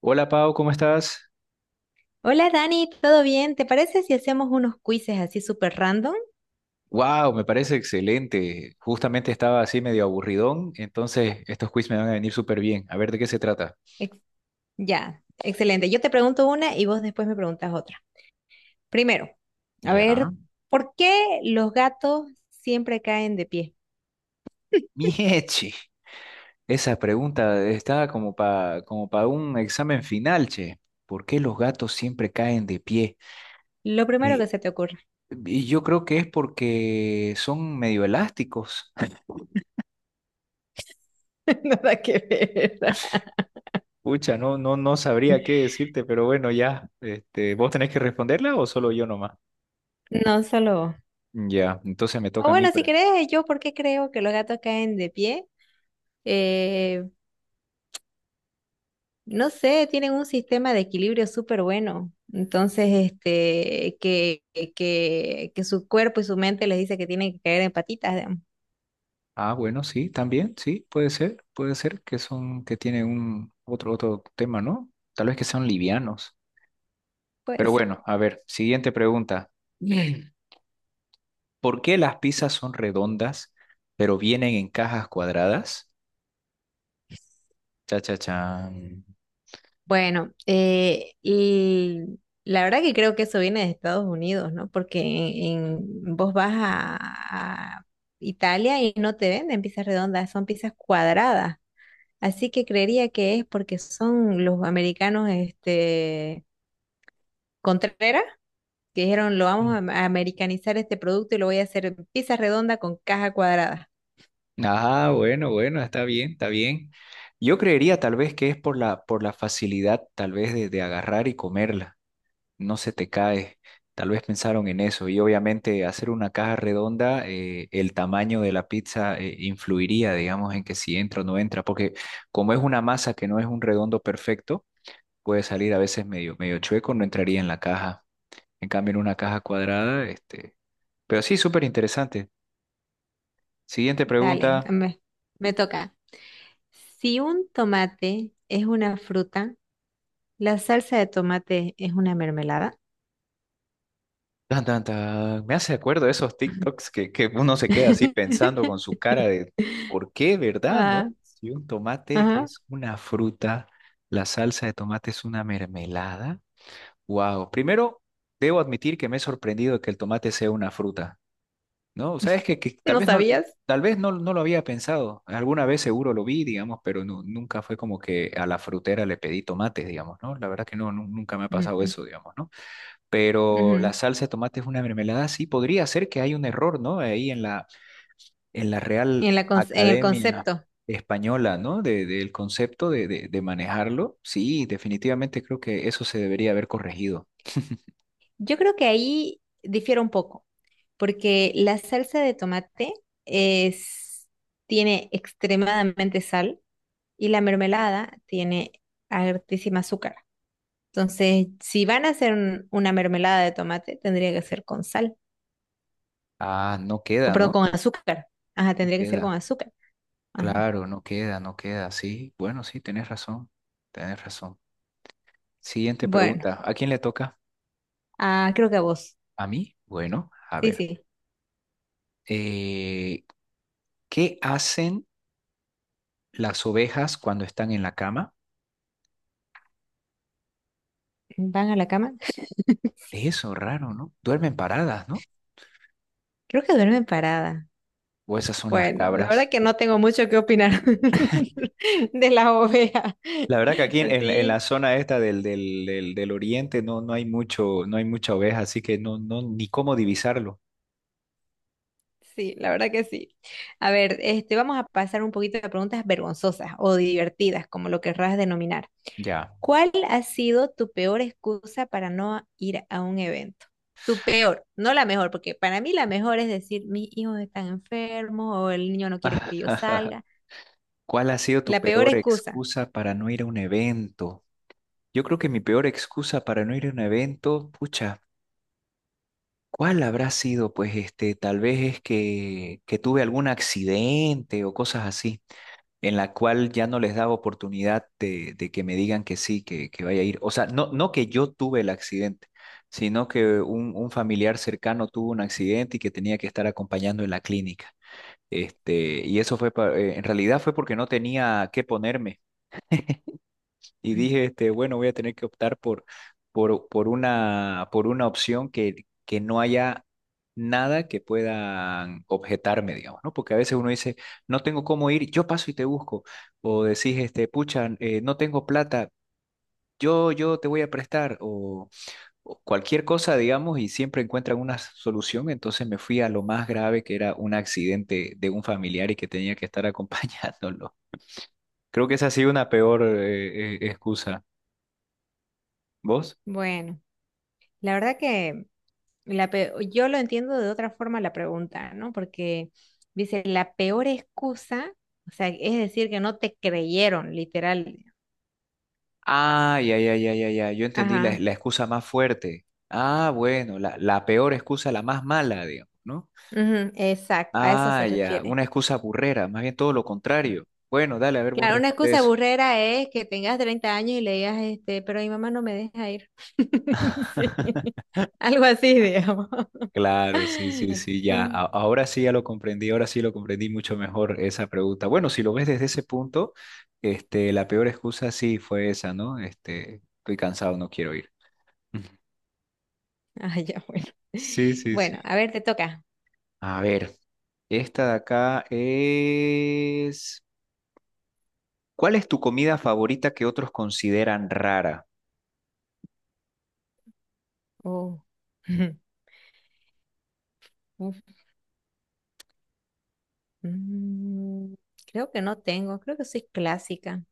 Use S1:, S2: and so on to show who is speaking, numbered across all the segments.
S1: Hola Pau, ¿cómo estás?
S2: Hola Dani, ¿todo bien? ¿Te parece si hacemos unos quizzes así súper random?
S1: Wow, me parece excelente. Justamente estaba así medio aburridón, entonces estos quiz me van a venir súper bien. A ver de qué se trata.
S2: Ex- ya, excelente. Yo te pregunto una y vos después me preguntas otra. Primero, a
S1: Ya.
S2: ver, ¿por qué los gatos siempre caen de pie?
S1: Mieche, esa pregunta está como para un examen final, che. ¿Por qué los gatos siempre caen de pie?
S2: Lo primero que
S1: Y,
S2: se te ocurra.
S1: y yo creo que es porque son medio elásticos.
S2: Nada que ver.
S1: Pucha, no, no, no sabría qué decirte, pero bueno, ya. Este, ¿vos tenés que responderla o solo yo nomás?
S2: No solo vos.
S1: Ya, entonces me
S2: O
S1: toca a mí.
S2: bueno, si querés, yo por qué creo que los gatos caen de pie. Eh, No sé, tienen un sistema de equilibrio súper bueno. Entonces, este, que su cuerpo y su mente les dice que tienen que caer en patitas, digamos.
S1: Ah, bueno, sí, también, sí, puede ser que son, que tienen un otro tema, ¿no? Tal vez que sean livianos.
S2: Puede
S1: Pero
S2: ser.
S1: bueno, a ver, siguiente pregunta. Mm. ¿Por qué las pizzas son redondas, pero vienen en cajas cuadradas? Cha, cha, chan.
S2: Bueno, la verdad que creo que eso viene de Estados Unidos, ¿no? Porque vos vas a Italia y no te venden pizzas redondas, son pizzas cuadradas. Así que creería que es porque son los americanos, este, Contreras. Que dijeron, lo vamos
S1: Mm.
S2: a americanizar este producto y lo voy a hacer en pizza redonda con caja cuadrada.
S1: Ah, bueno, bueno, está bien, está bien. Yo creería tal vez que es por la facilidad, tal vez, de agarrar y comerla. No se te cae. Tal vez pensaron en eso y obviamente hacer una caja redonda, el tamaño de la pizza influiría, digamos, en que si entra o no entra, porque como es una masa que no es un redondo perfecto, puede salir a veces medio, medio chueco, no entraría en la caja. En cambio, en una caja cuadrada. Pero sí, súper interesante. Siguiente
S2: Dale,
S1: pregunta.
S2: me toca. Si un tomate es una fruta, ¿la salsa de tomate es una mermelada?
S1: Tan, tan, tan. Me hace acuerdo de esos TikToks que uno se queda así pensando con su cara de ¿por qué, verdad, no?
S2: Ah,
S1: Si un tomate
S2: ajá.
S1: es una fruta, la salsa de tomate es una mermelada. Wow. Primero, debo admitir que me he sorprendido que el tomate sea una fruta, ¿no? Sabes que tal
S2: ¿No
S1: vez no,
S2: sabías?
S1: tal vez no, no lo había pensado. Alguna vez seguro lo vi, digamos, pero nunca fue como que a la frutera le pedí tomates, digamos, ¿no? La verdad que no, nunca me ha pasado
S2: Ujú,
S1: eso, digamos, ¿no? Pero
S2: ujú.
S1: la salsa de tomate es una mermelada, sí, podría ser que hay un error, ¿no? Ahí en la Real
S2: En la, en el
S1: Academia
S2: concepto.
S1: Española, ¿no? Del concepto de manejarlo. Sí, definitivamente creo que eso se debería haber corregido.
S2: Yo creo que ahí difiere un poco, porque la salsa de tomate es, tiene extremadamente sal. Y la mermelada tiene altísima azúcar. Entonces, si van a hacer una mermelada de tomate, tendría que ser con sal,
S1: Ah, no
S2: o
S1: queda,
S2: perdón,
S1: ¿no?
S2: con azúcar. Ajá,
S1: No
S2: tendría que ser con
S1: queda.
S2: azúcar. Ajá.
S1: Claro, no queda, no queda. Sí, bueno, sí, tenés razón. Tenés razón. Siguiente
S2: Bueno,
S1: pregunta. ¿A quién le toca?
S2: ah, creo que a vos.
S1: ¿A mí? Bueno, a
S2: Sí,
S1: ver.
S2: sí.
S1: Eh, ¿Qué hacen las ovejas cuando están en la cama?
S2: ¿Van a la cama?
S1: Eso, raro, ¿no? Duermen paradas, ¿no?
S2: Creo que duermen parada.
S1: O esas son las
S2: Bueno, la verdad
S1: cabras.
S2: que no tengo mucho que opinar de la oveja.
S1: La verdad que aquí en la
S2: Así.
S1: zona esta del oriente no, no hay mucho, no hay mucha oveja, así que no, ni cómo divisarlo.
S2: Sí, la verdad que sí. A ver, este, vamos a pasar un poquito de preguntas vergonzosas o divertidas, como lo querrás denominar.
S1: Ya.
S2: ¿Cuál ha sido tu peor excusa para no ir a un evento? Tu peor, no la mejor, porque para mí la mejor es decir, mis hijos están enfermos o el niño no quiere que yo salga.
S1: ¿Cuál ha sido tu
S2: La peor
S1: peor
S2: excusa.
S1: excusa para no ir a un evento? Yo creo que mi peor excusa para no ir a un evento, pucha, ¿cuál habrá sido? Pues este, tal vez es que tuve algún accidente o cosas así. En la cual ya no les daba oportunidad de que me digan que sí, que vaya a ir. O sea, no que yo tuve el accidente, sino que un familiar cercano tuvo un accidente y que tenía que estar acompañando en la clínica. Este, y eso fue, en realidad fue porque no tenía qué ponerme y
S2: Mm.
S1: dije, este, bueno, voy a tener que optar por una opción que no haya nada que puedan objetarme, digamos, ¿no? Porque a veces uno dice, no tengo cómo ir, yo paso y te busco, o decís, este, pucha, no tengo plata, yo te voy a prestar, o cualquier cosa, digamos, y siempre encuentran una solución, entonces me fui a lo más grave, que era un accidente de un familiar y que tenía que estar acompañándolo. Creo que esa ha sido una peor excusa. ¿Vos?
S2: Bueno, la verdad que yo lo entiendo de otra forma la pregunta, ¿no? Porque dice, la peor excusa, o sea, es decir, que no te creyeron, literal.
S1: Ah, ya, ya, ya, ya, ya. Yo entendí la,
S2: Ajá,
S1: la excusa más fuerte. Ah, bueno, la peor excusa, la más mala, digamos, ¿no?
S2: ujú, exacto, a eso se
S1: Ah, ya,
S2: refiere.
S1: una excusa burrera, más bien todo lo contrario. Bueno, dale, a ver, vos
S2: Claro, una
S1: responde
S2: excusa
S1: eso.
S2: burrera es que tengas 30 años y le digas, este, pero mi mamá no me deja ir. Sí, algo así, digamos.
S1: Claro, sí, sí, sí, ya.
S2: Mm,
S1: Ahora sí ya lo comprendí, ahora sí lo comprendí mucho mejor esa pregunta. Bueno, si lo ves desde ese punto, este, la peor excusa sí fue esa, ¿no? Este, estoy cansado, no quiero ir.
S2: ah, ya, bueno.
S1: Sí, sí, sí.
S2: Bueno, a ver, te toca.
S1: A ver, esta de acá es. ¿Cuál es tu comida favorita que otros consideran rara?
S2: Oh. Mm, creo que no tengo, creo que soy clásica.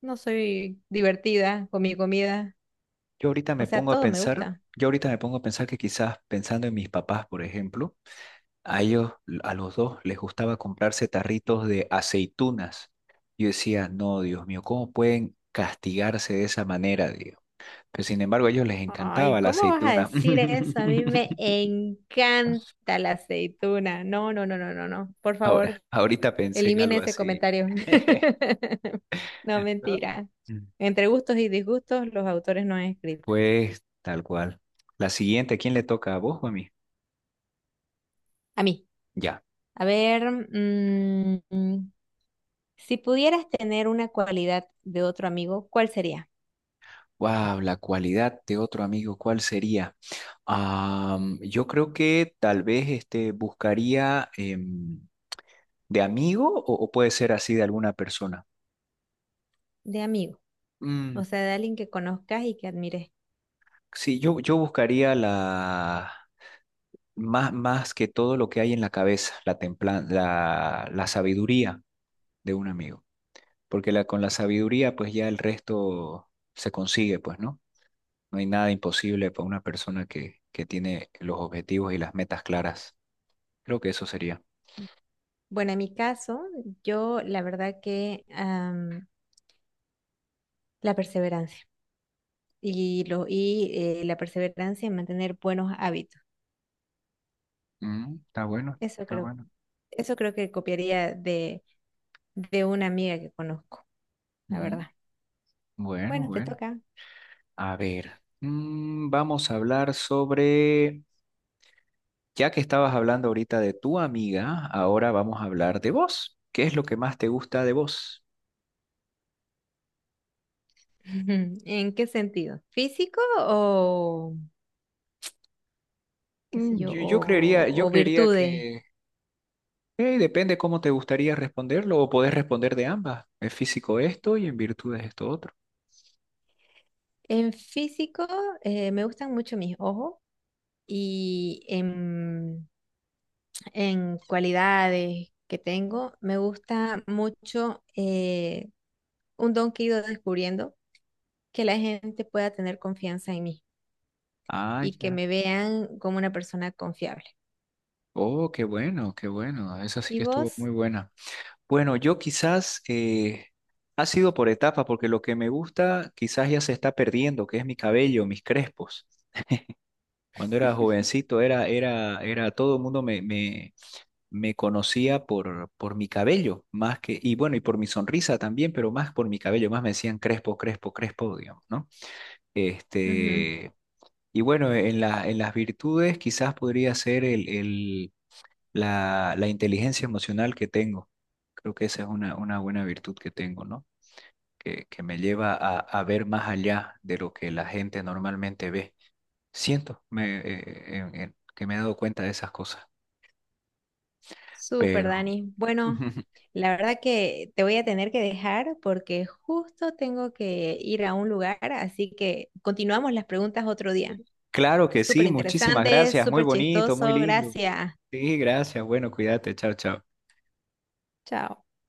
S2: No soy divertida con mi comida.
S1: Yo ahorita
S2: O
S1: me
S2: sea,
S1: pongo a
S2: todo me
S1: pensar,
S2: gusta.
S1: yo ahorita me pongo a pensar que quizás pensando en mis papás, por ejemplo, a ellos, a los dos les gustaba comprarse tarritos de aceitunas. Yo decía, no, Dios mío, ¿cómo pueden castigarse de esa manera, Dios? Pero sin embargo, a ellos les
S2: Ay,
S1: encantaba la
S2: ¿cómo vas a
S1: aceituna.
S2: decir eso? A mí me encanta la aceituna. No, no, no, no, no, no. Por
S1: Ahora,
S2: favor,
S1: ahorita pensé en
S2: elimine
S1: algo
S2: ese
S1: así.
S2: comentario. No,
S1: ¿No?
S2: mentira.
S1: Mm.
S2: Entre gustos y disgustos, los autores no han escrito.
S1: Pues, tal cual. La siguiente, ¿a quién le toca, a vos o a mí?
S2: A mí.
S1: Ya.
S2: A ver, si pudieras tener una cualidad de otro amigo, ¿cuál sería?
S1: Wow, la cualidad de otro amigo, ¿cuál sería? Yo creo que tal vez este, buscaría de amigo o puede ser así de alguna persona.
S2: De amigo.
S1: Mm,
S2: O sea, de alguien que conozcas y que admires.
S1: sí, yo buscaría la más que todo lo que hay en la cabeza, la sabiduría de un amigo. Porque con la sabiduría, pues ya el resto se consigue, pues, ¿no? No hay nada imposible para una persona que tiene los objetivos y las metas claras. Creo que eso sería.
S2: Bueno, en mi caso, yo la verdad que la perseverancia y, lo, y la perseverancia en mantener buenos hábitos.
S1: Mm, está bueno,
S2: Eso
S1: está
S2: creo,
S1: bueno.
S2: eso creo que copiaría de una amiga que conozco, la
S1: Mm,
S2: verdad.
S1: bueno,
S2: Bueno, te
S1: bueno.
S2: toca.
S1: A ver, vamos a hablar sobre, ya que estabas hablando ahorita de tu amiga, ahora vamos a hablar de vos. ¿Qué es lo que más te gusta de vos?
S2: ¿En qué sentido? ¿Físico o qué sé
S1: Mm,
S2: yo?
S1: yo, yo creería, yo
S2: O
S1: creería
S2: virtudes?
S1: que depende cómo te gustaría responderlo o podés responder de ambas. Es físico esto y en virtud es esto otro.
S2: En físico me gustan mucho mis ojos y en cualidades que tengo, me gusta mucho un don que he ido descubriendo, que la gente pueda tener confianza en mí
S1: Ah,
S2: y que
S1: ya.
S2: me vean como una persona confiable.
S1: Oh, qué bueno, qué bueno. Esa sí
S2: ¿Y
S1: que estuvo muy
S2: vos?
S1: buena. Bueno, yo quizás ha sido por etapa, porque lo que me gusta quizás ya se está perdiendo, que es mi cabello, mis crespos. Cuando era jovencito, todo el mundo me conocía por mi cabello, y bueno, y por mi sonrisa también, pero más por mi cabello, más me decían Crespo, Crespo, Crespo, digamos, ¿no?
S2: Ujú.
S1: Este, y bueno, en las virtudes quizás podría ser la inteligencia emocional que tengo. Creo que esa es una buena virtud que tengo, ¿no? Que me lleva a ver más allá de lo que la gente normalmente ve. Siento que me he dado cuenta de esas cosas,
S2: Súper,
S1: pero.
S2: Dani. Bueno, la verdad que te voy a tener que dejar porque justo tengo que ir a un lugar, así que continuamos las preguntas otro día.
S1: Claro que
S2: Súper
S1: sí, muchísimas
S2: interesante,
S1: gracias, muy
S2: súper
S1: bonito, muy
S2: chistoso.
S1: lindo.
S2: Gracias.
S1: Sí, gracias, bueno, cuídate, chao, chao.
S2: Chao.